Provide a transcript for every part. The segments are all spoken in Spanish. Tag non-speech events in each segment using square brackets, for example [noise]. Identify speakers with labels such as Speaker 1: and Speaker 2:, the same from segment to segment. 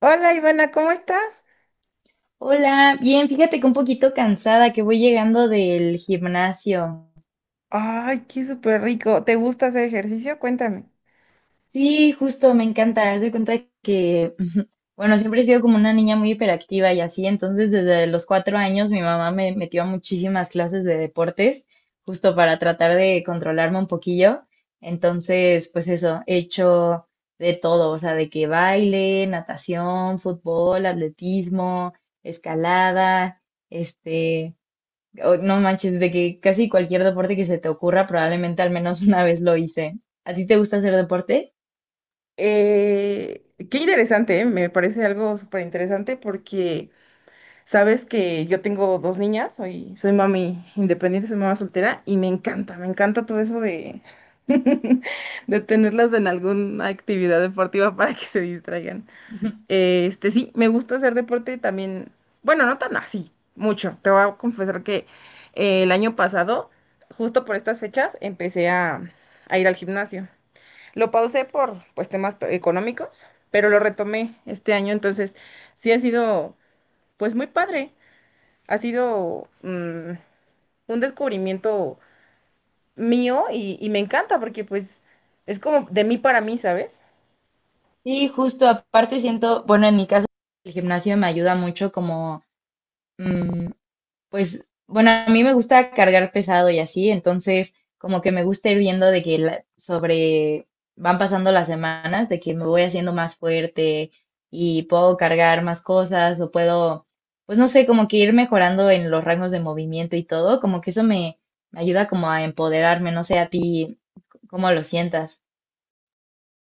Speaker 1: Hola Ivana, ¿cómo estás?
Speaker 2: Hola, bien, fíjate que un poquito cansada que voy llegando del gimnasio.
Speaker 1: Ay, qué súper rico. ¿Te gusta hacer ejercicio? Cuéntame.
Speaker 2: Sí, justo, me encanta. Haz de cuenta que, [laughs] bueno, siempre he sido como una niña muy hiperactiva y así, entonces desde los 4 años mi mamá me metió a muchísimas clases de deportes, justo para tratar de controlarme un poquillo. Entonces, pues eso, he hecho de todo, o sea, de que baile, natación, fútbol, atletismo, escalada, este... No manches, de que casi cualquier deporte que se te ocurra, probablemente al menos una vez lo hice. ¿A ti te gusta hacer deporte?
Speaker 1: Qué interesante, ¿eh? Me parece algo súper interesante porque sabes que yo tengo dos niñas, soy mami independiente, soy mamá soltera y me encanta todo eso [laughs] de tenerlas en alguna actividad deportiva para que se distraigan.
Speaker 2: [laughs]
Speaker 1: Sí, me gusta hacer deporte también. Bueno, no tan así, mucho. Te voy a confesar que el año pasado, justo por estas fechas, empecé a ir al gimnasio. Lo pausé por pues temas económicos, pero lo retomé este año, entonces sí ha sido pues muy padre. Ha sido un descubrimiento mío y me encanta porque pues es como de mí para mí, ¿sabes?
Speaker 2: Sí, justo aparte siento, bueno, en mi caso, el gimnasio me ayuda mucho como pues, bueno, a mí me gusta cargar pesado y así, entonces como que me gusta ir viendo de que sobre van pasando las semanas, de que me voy haciendo más fuerte y puedo cargar más cosas o puedo, pues no sé, como que ir mejorando en los rangos de movimiento y todo, como que eso me, me ayuda como a empoderarme, no sé a ti cómo lo sientas.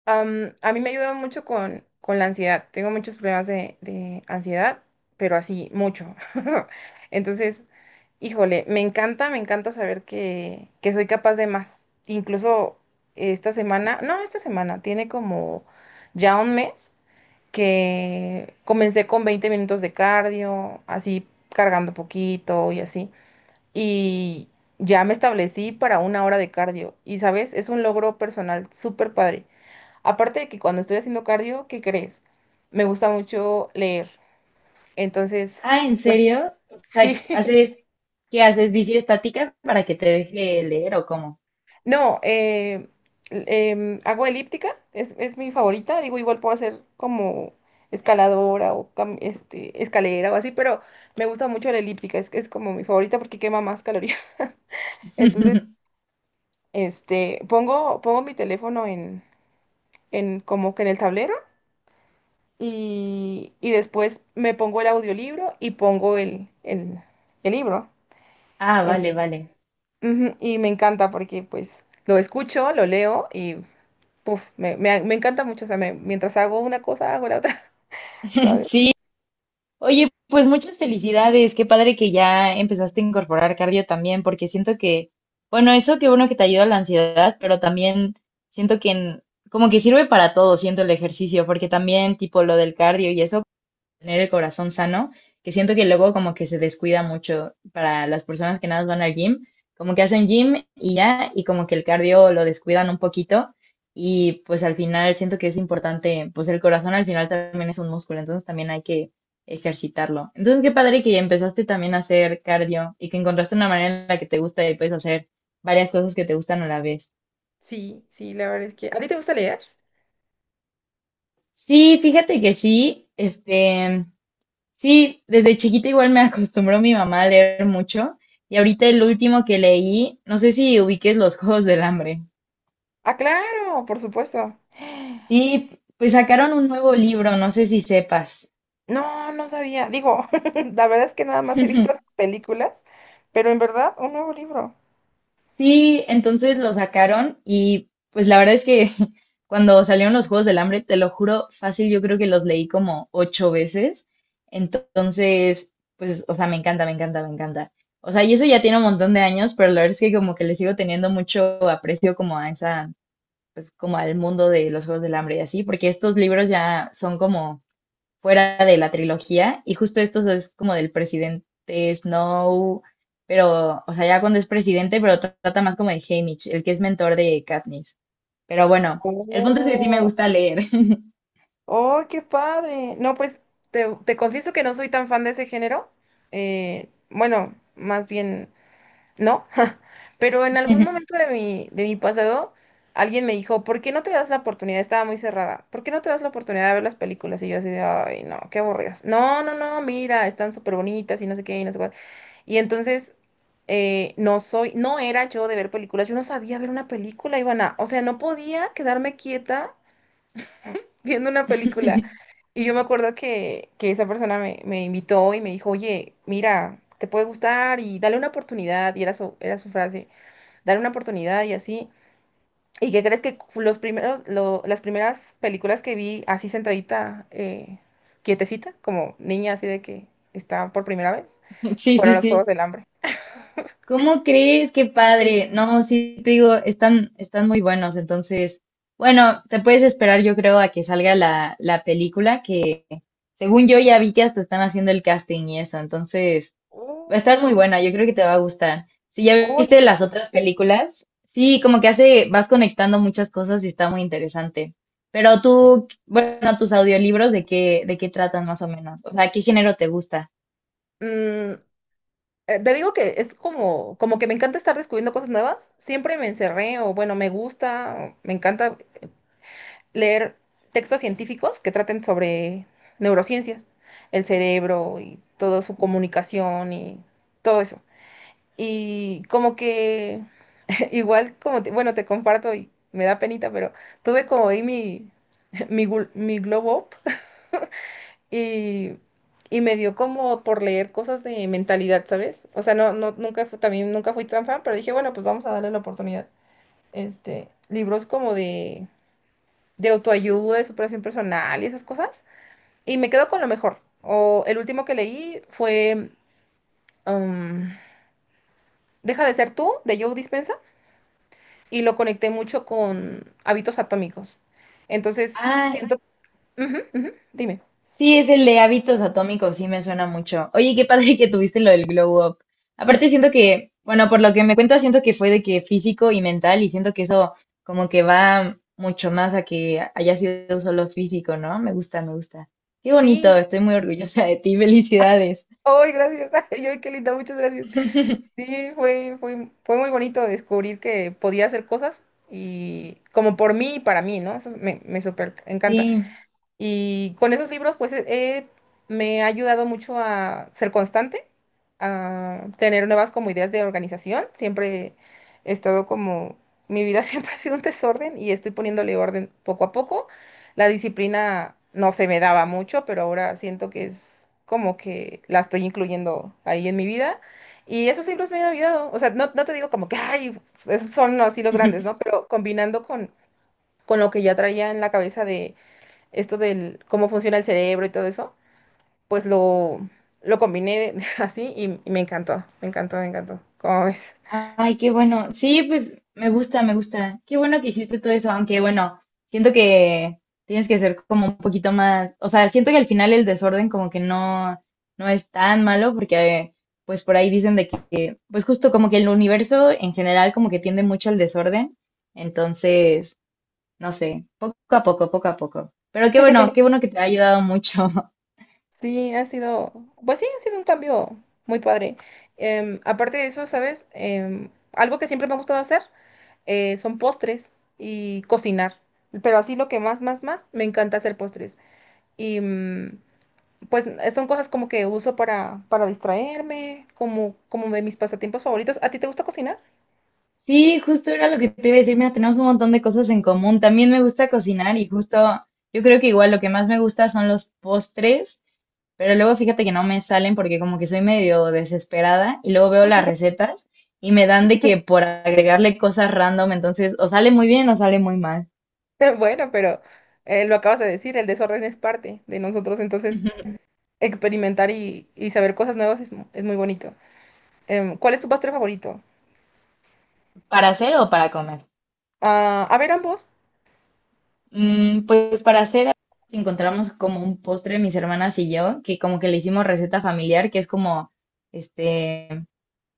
Speaker 1: A mí me ayuda mucho con la ansiedad. Tengo muchos problemas de ansiedad, pero así, mucho. [laughs] Entonces, híjole, me encanta saber que soy capaz de más. Incluso esta semana, no, esta semana, tiene como ya un mes que comencé con 20 minutos de cardio, así cargando poquito y así. Y ya me establecí para una hora de cardio. Y sabes, es un logro personal súper padre. Aparte de que cuando estoy haciendo cardio, ¿qué crees? Me gusta mucho leer. Entonces,
Speaker 2: Ah, ¿en
Speaker 1: pues
Speaker 2: serio? O sea,
Speaker 1: sí. [laughs]
Speaker 2: ¿haces, qué haces, bici estática para que te deje leer o cómo?
Speaker 1: No, hago elíptica, es mi favorita. Digo, igual puedo hacer como escaladora o escalera o así, pero me gusta mucho la elíptica, es como mi favorita porque quema más calorías. [laughs] Entonces,
Speaker 2: [laughs]
Speaker 1: pongo mi teléfono en como que en el tablero y después me pongo el audiolibro y pongo el libro.
Speaker 2: Ah, vale,
Speaker 1: en-
Speaker 2: vale.
Speaker 1: Ujú, y me encanta porque pues lo escucho, lo leo y puf, me encanta mucho. O sea, mientras hago una cosa, hago la otra, [laughs]
Speaker 2: [laughs]
Speaker 1: ¿sabes?
Speaker 2: Sí, oye, pues muchas felicidades. Qué padre que ya empezaste a incorporar cardio también, porque siento que, bueno, eso que uno que te ayuda a la ansiedad, pero también siento que como que sirve para todo, siento el ejercicio, porque también tipo lo del cardio y eso tener el corazón sano, que siento que luego como que se descuida mucho para las personas que nada más van al gym, como que hacen gym y ya, y como que el cardio lo descuidan un poquito. Y pues al final siento que es importante, pues el corazón al final también es un músculo, entonces también hay que ejercitarlo. Entonces qué padre que empezaste también a hacer cardio y que encontraste una manera en la que te gusta y puedes hacer varias cosas que te gustan a la vez.
Speaker 1: Sí, sí, la verdad es que... ¿A ti te gusta leer?
Speaker 2: Sí, fíjate que sí, sí, desde chiquita igual me acostumbró mi mamá a leer mucho. Y ahorita el último que leí, no sé si ubiques Los Juegos del Hambre.
Speaker 1: Ah, claro, por supuesto.
Speaker 2: Sí, pues sacaron un nuevo libro, no sé si sepas.
Speaker 1: No, no sabía. Digo, [laughs] la verdad es que nada más he
Speaker 2: [laughs]
Speaker 1: visto las películas, pero en verdad, un nuevo libro.
Speaker 2: Sí, entonces lo sacaron y pues la verdad es que [laughs] cuando salieron los Juegos del Hambre, te lo juro, fácil, yo creo que los leí como ocho veces. Entonces, pues, o sea, me encanta, me encanta, me encanta. O sea, y eso ya tiene un montón de años, pero la verdad es que como que le sigo teniendo mucho aprecio como a esa pues como al mundo de los Juegos del Hambre y así, porque estos libros ya son como fuera de la trilogía y justo estos es como del presidente Snow, pero, o sea, ya cuando es presidente, pero trata más como de Haymitch, el que es mentor de Katniss. Pero bueno, el punto es que sí me
Speaker 1: Oh.
Speaker 2: gusta leer.
Speaker 1: ¡Oh, qué padre! No, pues te confieso que no soy tan fan de ese género. Bueno, más bien no. [laughs] Pero en algún
Speaker 2: [laughs]
Speaker 1: momento de mi pasado, alguien me dijo, ¿por qué no te das la oportunidad? Estaba muy cerrada. ¿Por qué no te das la oportunidad de ver las películas? Y yo así de, ay, no, qué aburridas. No, no, no, mira, están súper bonitas y no sé qué y no sé cuál. Y entonces, no soy, no era yo de ver películas. Yo no sabía ver una película, Ivana. O sea, no podía quedarme quieta viendo una película. Y yo me acuerdo que esa persona me invitó y me dijo, oye, mira, te puede gustar y dale una oportunidad. Y era su frase, dale una oportunidad y así. ¿Y qué crees que las primeras películas que vi así sentadita, quietecita, como niña así de que está por primera vez,
Speaker 2: Sí,
Speaker 1: fueron
Speaker 2: sí,
Speaker 1: los Juegos
Speaker 2: sí.
Speaker 1: del Hambre?
Speaker 2: ¿Cómo crees? Qué
Speaker 1: Sí.
Speaker 2: padre. No, sí, te digo, están muy buenos. Entonces, bueno, te puedes esperar, yo creo, a que salga la película, que según yo ya vi que hasta están haciendo el casting y eso, entonces va a estar
Speaker 1: Oh,
Speaker 2: muy buena, yo creo que te va a gustar. Si ya viste las otras películas, sí, como que hace, vas conectando muchas cosas y está muy interesante. Pero tú, bueno, tus audiolibros, ¿de qué tratan más o menos? O sea, ¿qué género te gusta?
Speaker 1: oh. Te digo que es como, como que me encanta estar descubriendo cosas nuevas. Siempre me encerré, o bueno, me gusta, o me encanta leer textos científicos que traten sobre neurociencias, el cerebro y toda su comunicación y todo eso. Y como que, [laughs] igual como, bueno, te comparto y me da penita, pero tuve como ahí [laughs] mi globo y, y me dio como por leer cosas de mentalidad, ¿sabes? O sea, no, no, nunca fui, también nunca fui tan fan, pero dije, bueno, pues vamos a darle la oportunidad. Libros como de autoayuda, de superación personal y esas cosas. Y me quedo con lo mejor. O el último que leí fue um, Deja de ser tú, de Joe Dispensa y lo conecté mucho con hábitos atómicos. Entonces, siento... Ujú, ujú, dime.
Speaker 2: Sí, es el de hábitos atómicos, sí me suena mucho. Oye, qué padre que tuviste lo del glow up. Aparte siento que, bueno, por lo que me cuentas, siento que fue de que físico y mental y siento que eso como que va mucho más a que haya sido solo físico, ¿no? Me gusta, me gusta. Qué bonito,
Speaker 1: Sí.
Speaker 2: estoy muy orgullosa de ti, felicidades.
Speaker 1: ¡Ay, gracias! [laughs] ¡Ay, ay, qué linda! Muchas gracias.
Speaker 2: [laughs]
Speaker 1: Sí, fue muy bonito descubrir que podía hacer cosas y como por mí y para mí, ¿no? Eso me súper encanta.
Speaker 2: Sí.
Speaker 1: Y con esos libros, pues me ha ayudado mucho a ser constante, a tener nuevas como ideas de organización. Siempre he estado como, mi vida [laughs] siempre ha sido un desorden y estoy poniéndole orden poco a poco. La disciplina no se me daba mucho, pero ahora siento que es como que la estoy incluyendo ahí en mi vida. Y esos libros me han ayudado. O sea, no, no te digo como que, ay, esos son así los grandes, ¿no? Pero combinando con lo que ya traía en la cabeza de esto del cómo funciona el cerebro y todo eso, pues lo combiné [laughs] así y me encantó, me encantó, me encantó. ¿Cómo ves?
Speaker 2: Ay, qué bueno. Sí, pues me gusta, me gusta. Qué bueno que hiciste todo eso, aunque bueno, siento que tienes que ser como un poquito más, o sea, siento que al final el desorden como que no, no es tan malo porque pues por ahí dicen de que, pues justo como que el universo en general como que tiende mucho al desorden, entonces, no sé, poco a poco, poco a poco. Pero qué
Speaker 1: [laughs]
Speaker 2: bueno que te ha ayudado mucho. [laughs]
Speaker 1: Sí, ha sido, pues sí, ha sido un cambio muy padre. Aparte de eso, ¿sabes? Algo que siempre me ha gustado hacer son postres y cocinar. Pero así lo que más, más, más, me encanta hacer postres. Y pues son cosas como que uso para distraerme, como de mis pasatiempos favoritos. ¿A ti te gusta cocinar?
Speaker 2: Sí, justo era lo que te iba a decir. Mira, tenemos un montón de cosas en común. También me gusta cocinar y justo yo creo que igual lo que más me gusta son los postres, pero luego fíjate que no me salen porque como que soy medio desesperada y luego veo las
Speaker 1: [laughs]
Speaker 2: recetas y me dan de que por agregarle cosas random, entonces o sale muy bien o sale muy mal.
Speaker 1: [laughs] Bueno, pero lo acabas de decir, el desorden es parte de nosotros, entonces
Speaker 2: [laughs]
Speaker 1: experimentar y saber cosas nuevas es muy bonito. ¿Cuál es tu postre favorito?
Speaker 2: ¿Para hacer o para comer?
Speaker 1: Ah, a ver, ambos.
Speaker 2: Mm, pues para hacer encontramos como un postre mis hermanas y yo, que como que le hicimos receta familiar, que es como este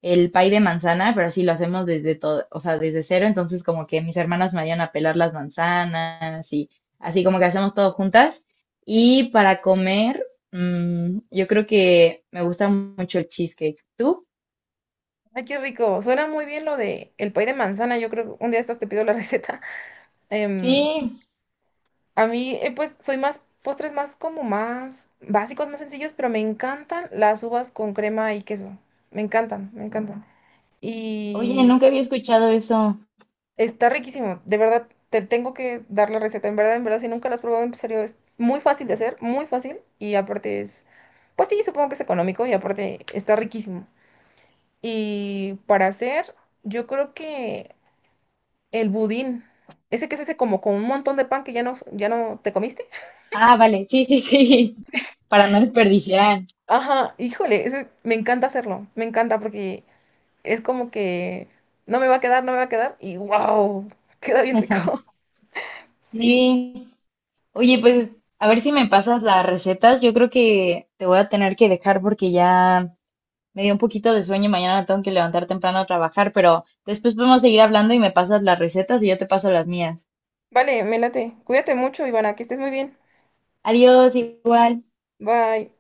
Speaker 2: el pay de manzana, pero así lo hacemos desde todo, o sea, desde cero, entonces como que mis hermanas me ayudan a pelar las manzanas y así como que hacemos todo juntas. Y para comer, mm, yo creo que me gusta mucho el cheesecake. ¿Tú?
Speaker 1: Ay, qué rico. Suena muy bien lo de el pay de manzana. Yo creo que un día de estos te pido la [laughs] receta.
Speaker 2: Sí,
Speaker 1: Em, a mí, pues, soy más postres más como más básicos, más sencillos, pero me encantan las uvas con crema y queso. Me encantan, me encantan.
Speaker 2: oye,
Speaker 1: Y
Speaker 2: nunca había escuchado eso.
Speaker 1: está riquísimo, de verdad, te tengo que dar la receta, en verdad, si nunca la has probado, en serio, es muy fácil de hacer, muy fácil, y aparte es, pues sí, supongo que es económico, y aparte está riquísimo. Y para hacer, yo creo que el budín, ese que se hace como con un montón de pan que ya no te comiste.
Speaker 2: Ah, vale, sí, sí, sí, [laughs] para no desperdiciar.
Speaker 1: Ajá, híjole, ese, me encanta hacerlo, me encanta porque es como que no me va a quedar, no me va a quedar, y wow, queda bien rico, [laughs] sí.
Speaker 2: Sí, oye, pues a ver si me pasas las recetas. Yo creo que te voy a tener que dejar porque ya me dio un poquito de sueño y mañana me tengo que levantar temprano a trabajar, pero después podemos seguir hablando y me pasas las recetas y yo te paso las mías.
Speaker 1: Vale, me late, cuídate mucho, Ivana, que estés muy bien.
Speaker 2: Adiós, igual.
Speaker 1: Bye.